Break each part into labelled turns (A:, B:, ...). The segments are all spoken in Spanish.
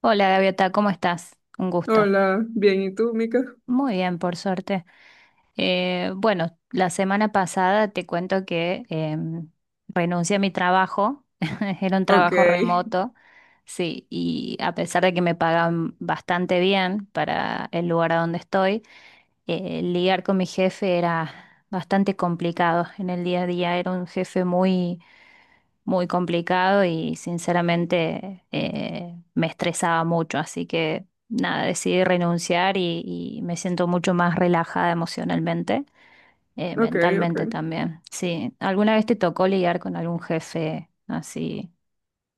A: Hola Gaviota, ¿cómo estás? Un gusto.
B: Hola, bien, ¿y tú, Mica?
A: Muy bien, por suerte. Bueno, la semana pasada te cuento que renuncié a mi trabajo, era un
B: Ok,
A: trabajo remoto, sí, y a pesar de que me pagan bastante bien para el lugar a donde estoy, lidiar con mi jefe era bastante complicado en el día a día, era un jefe muy complicado y sinceramente me estresaba mucho, así que nada, decidí renunciar y me siento mucho más relajada emocionalmente,
B: ok, ok.
A: mentalmente también. Sí, ¿alguna vez te tocó lidiar con algún jefe así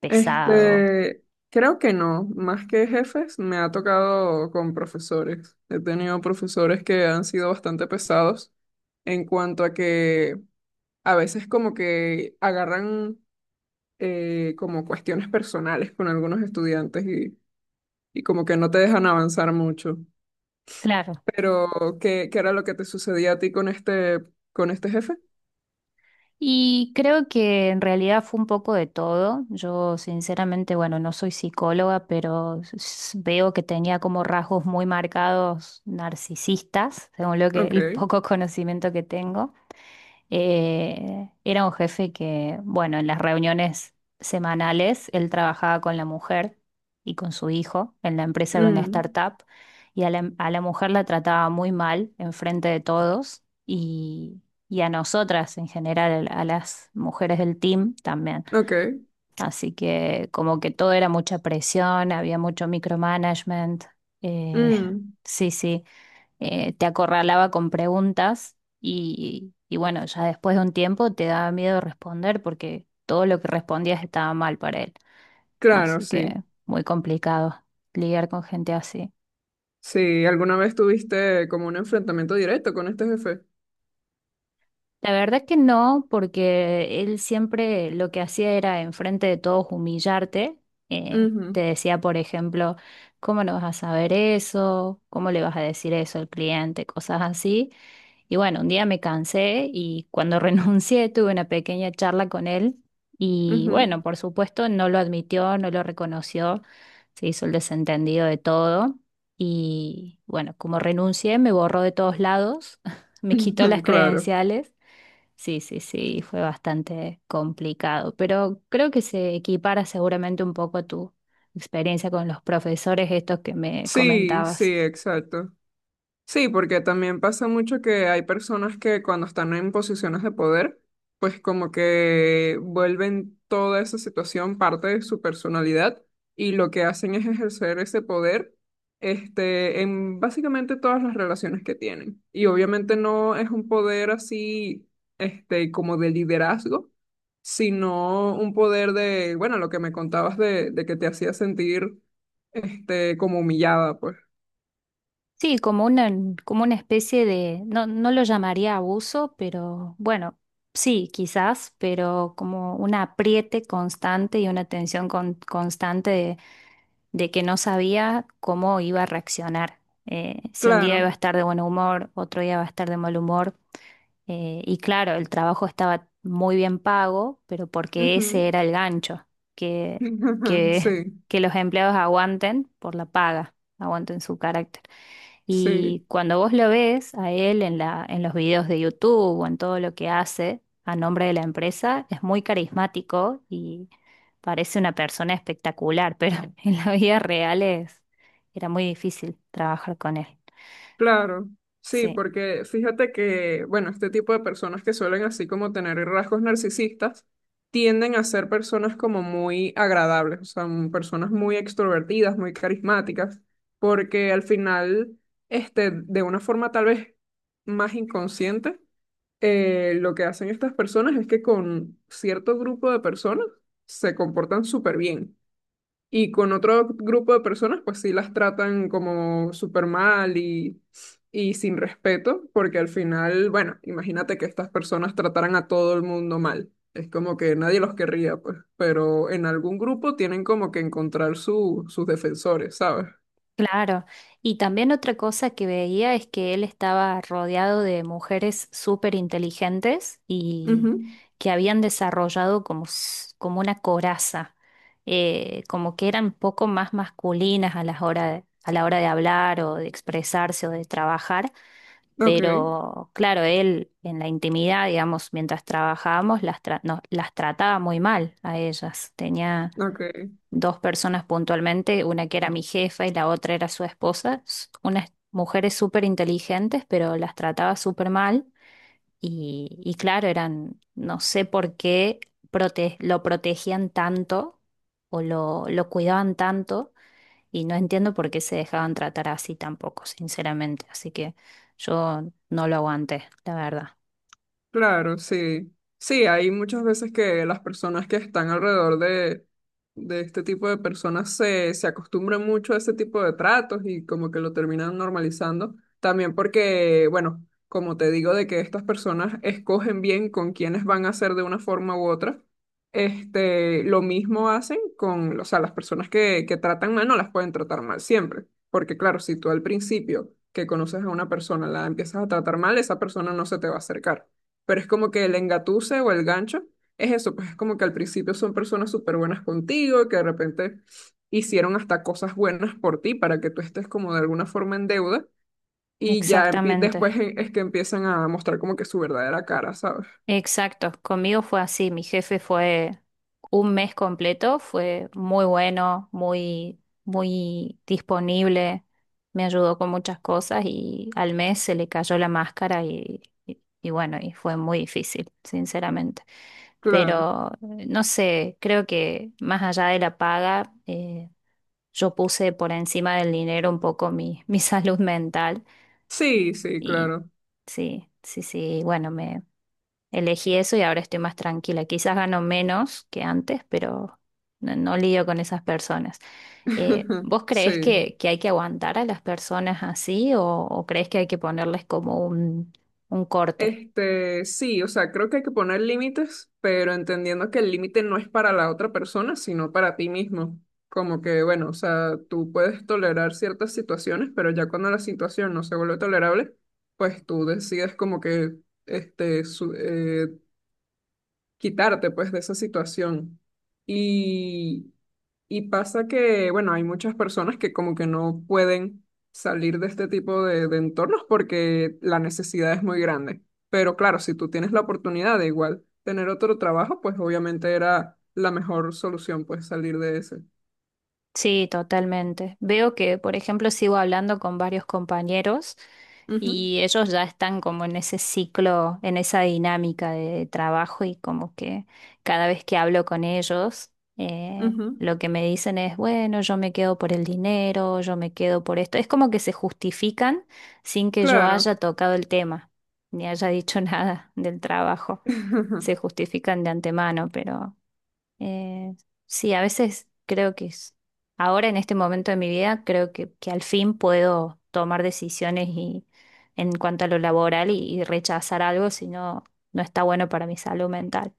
A: pesado?
B: Este, creo que no, más que jefes, me ha tocado con profesores. He tenido profesores que han sido bastante pesados en cuanto a que a veces como que agarran como cuestiones personales con algunos estudiantes y como que no te dejan avanzar mucho.
A: Claro.
B: Pero, ¿qué era lo que te sucedía a ti con este jefe?
A: Y creo que en realidad fue un poco de todo. Yo sinceramente, bueno, no soy psicóloga, pero veo que tenía como rasgos muy marcados narcisistas, según lo que el
B: Ok.
A: poco conocimiento que tengo. Era un jefe que, bueno, en las reuniones semanales él trabajaba con la mujer y con su hijo. En la empresa era una
B: Mm,
A: startup y a la mujer la trataba muy mal enfrente de todos y a nosotras en general, a las mujeres del team también.
B: ok.
A: Así que como que todo era mucha presión, había mucho micromanagement. Eh,
B: Mm,
A: sí, sí Te acorralaba con preguntas y bueno, ya después de un tiempo te daba miedo responder porque todo lo que respondías estaba mal para él.
B: claro,
A: Así que
B: sí.
A: muy complicado lidiar con gente así.
B: Sí, ¿alguna vez tuviste como un enfrentamiento directo con este jefe?
A: La verdad que no, porque él siempre lo que hacía era enfrente de todos humillarte. Te
B: Ujú,
A: decía, por ejemplo, ¿cómo no vas a saber eso? ¿Cómo le vas a decir eso al cliente? Cosas así. Y bueno, un día me cansé y cuando renuncié tuve una pequeña charla con él y
B: ujú.
A: bueno, por supuesto no lo admitió, no lo reconoció, se hizo el desentendido de todo y bueno, como renuncié me borró de todos lados, me quitó las
B: Claro.
A: credenciales. Sí, sí, sí, fue bastante complicado, pero creo que se equipara seguramente un poco a tu experiencia con los profesores estos que me
B: Sí, sí,
A: comentabas.
B: exacto. Sí, porque también pasa mucho que hay personas que cuando están en posiciones de poder, pues como que vuelven toda esa situación parte de su personalidad y lo que hacen es ejercer ese poder, en básicamente todas las relaciones que tienen. Y obviamente no es un poder así, como de liderazgo, sino un poder de, bueno, lo que me contabas de que te hacía sentir, como humillada, pues.
A: Sí, como una especie de, no, no lo llamaría abuso, pero bueno, sí, quizás, pero como un apriete constante y una tensión constante de que no sabía cómo iba a reaccionar. Si un
B: Claro.
A: día iba a estar de buen humor, otro día iba a estar de mal humor. Y claro, el trabajo estaba muy bien pago, pero porque ese
B: Ujú.
A: era el gancho, que,
B: Sí,
A: que los empleados aguanten por la paga, aguanten su carácter.
B: sí,
A: Y cuando vos lo ves a él en los videos de YouTube o en todo lo que hace a nombre de la empresa, es muy carismático y parece una persona espectacular, pero en la vida real es, era muy difícil trabajar con él.
B: claro. Sí,
A: Sí.
B: porque fíjate que, bueno, este tipo de personas que suelen así como tener rasgos narcisistas tienden a ser personas como muy agradables, o sea, personas muy extrovertidas, muy carismáticas, porque al final, de una forma tal vez más inconsciente, lo que hacen estas personas es que con cierto grupo de personas se comportan súper bien. Y con otro grupo de personas, pues sí las tratan como súper mal y sin respeto, porque al final, bueno, imagínate que estas personas trataran a todo el mundo mal. Es como que nadie los querría, pues, pero en algún grupo tienen como que encontrar sus defensores, ¿sabes?
A: Claro, y también otra cosa que veía es que él estaba rodeado de mujeres súper inteligentes y
B: Ujú.
A: que habían desarrollado como una coraza, como que eran poco más masculinas a la hora de, a la hora de hablar o de expresarse o de trabajar,
B: Ok,
A: pero claro, él en la intimidad, digamos, mientras trabajábamos, no, las trataba muy mal a ellas,
B: ok.
A: dos personas puntualmente, una que era mi jefa y la otra era su esposa, unas mujeres súper inteligentes, pero las trataba súper mal y claro, eran, no sé por qué lo protegían tanto o lo cuidaban tanto y no entiendo por qué se dejaban tratar así tampoco, sinceramente, así que yo no lo aguanté, la verdad.
B: Claro, sí. Sí, hay muchas veces que las personas que están alrededor de este tipo de personas se acostumbran mucho a ese tipo de tratos y como que lo terminan normalizando. También porque, bueno, como te digo, de que estas personas escogen bien con quiénes van a ser de una forma u otra. Lo mismo hacen con, o sea, las personas que tratan mal no las pueden tratar mal siempre. Porque claro, si tú al principio que conoces a una persona la empiezas a tratar mal, esa persona no se te va a acercar, pero es como que el engatuse o el gancho es eso, pues es como que al principio son personas súper buenas contigo, que de repente hicieron hasta cosas buenas por ti para que tú estés como de alguna forma en deuda y ya
A: Exactamente.
B: es que empiezan a mostrar como que su verdadera cara, ¿sabes?
A: Exacto, conmigo fue así, mi jefe fue un mes completo, fue muy bueno, muy, muy disponible, me ayudó con muchas cosas y al mes se le cayó la máscara y bueno, y fue muy difícil, sinceramente.
B: Claro.
A: Pero no sé, creo que más allá de la paga, yo puse por encima del dinero un poco mi, mi salud mental
B: Sí, sí,
A: y
B: claro.
A: sí, sí, sí, bueno, elegí eso y ahora estoy más tranquila. Quizás gano menos que antes, pero no, no lidio con esas personas. ¿Vos creés
B: Sí.
A: que hay que aguantar a las personas así o creés que hay que ponerles como un corte?
B: Sí, o sea, creo que hay que poner límites, pero entendiendo que el límite no es para la otra persona, sino para ti mismo. Como que, bueno, o sea, tú puedes tolerar ciertas situaciones, pero ya cuando la situación no se vuelve tolerable, pues tú decides como que, este, su- eh, quitarte pues de esa situación. Y, y pasa que, bueno, hay muchas personas que como que no pueden salir de este tipo de entornos porque la necesidad es muy grande. Pero claro, si tú tienes la oportunidad de igual tener otro trabajo, pues obviamente era la mejor solución, pues salir de ese.
A: Sí, totalmente. Veo que, por ejemplo, sigo hablando con varios compañeros
B: Ujú,
A: y ellos ya están como en ese ciclo, en esa dinámica de trabajo y como que cada vez que hablo con ellos,
B: ujú.
A: lo que me dicen es, bueno, yo me quedo por el dinero, yo me quedo por esto. Es como que se justifican sin que yo
B: Claro.
A: haya tocado el tema, ni haya dicho nada del trabajo. Se justifican de antemano, pero… Eh, sí, a veces creo que es, ahora en este momento de mi vida, creo que al fin puedo tomar decisiones y, en cuanto a lo laboral y rechazar algo si no, no está bueno para mi salud mental.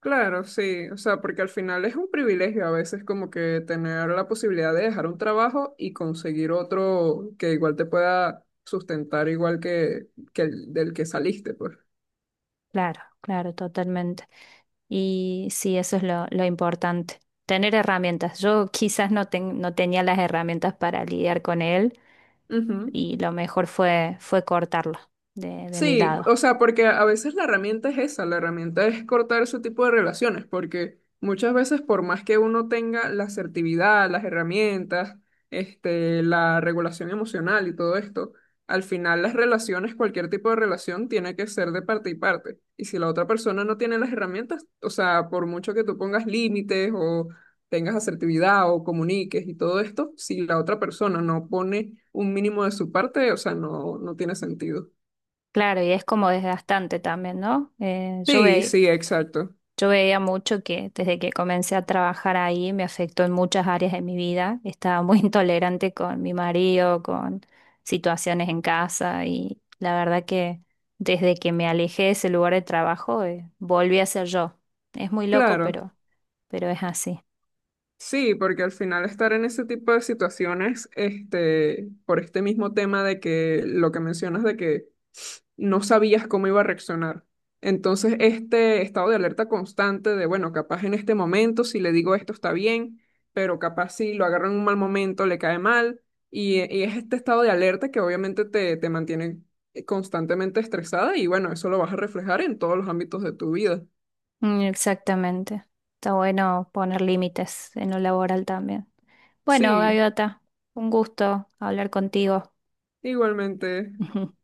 B: Claro, sí, o sea, porque al final es un privilegio a veces como que tener la posibilidad de dejar un trabajo y conseguir otro que igual te pueda sustentar igual que el del que saliste, pues.
A: Claro, claro, totalmente. Y sí, eso es lo importante. Tener herramientas. Yo quizás no tenía las herramientas para lidiar con él
B: Ujú.
A: y lo mejor fue, fue cortarlo de mi
B: Sí,
A: lado.
B: o sea, porque a veces la herramienta es esa, la herramienta es cortar ese tipo de relaciones, porque muchas veces por más que uno tenga la asertividad, las herramientas, la regulación emocional y todo esto, al final las relaciones, cualquier tipo de relación tiene que ser de parte y parte. Y si la otra persona no tiene las herramientas, o sea, por mucho que tú pongas límites o tengas asertividad o comuniques y todo esto, si la otra persona no pone un mínimo de su parte, o sea, no, no tiene sentido.
A: Claro, y es como desgastante también, ¿no?
B: Sí, sí, exacto.
A: Yo veía mucho que desde que comencé a trabajar ahí me afectó en muchas áreas de mi vida. Estaba muy intolerante con mi marido, con situaciones en casa y la verdad que desde que me alejé de ese lugar de trabajo volví a ser yo. Es muy loco,
B: Claro.
A: pero es así.
B: Sí, porque al final estar en ese tipo de situaciones, por este mismo tema de que lo que mencionas de que no sabías cómo iba a reaccionar. Entonces, este estado de alerta constante de, bueno, capaz en este momento si le digo esto está bien, pero capaz si lo agarro en un mal momento le cae mal. Y es este estado de alerta que obviamente te mantiene constantemente estresada y bueno, eso lo vas a reflejar en todos los ámbitos de tu vida.
A: Mm, exactamente. Está bueno poner límites en lo laboral también. Bueno,
B: Sí.
A: Gaviota, un gusto hablar contigo.
B: Igualmente.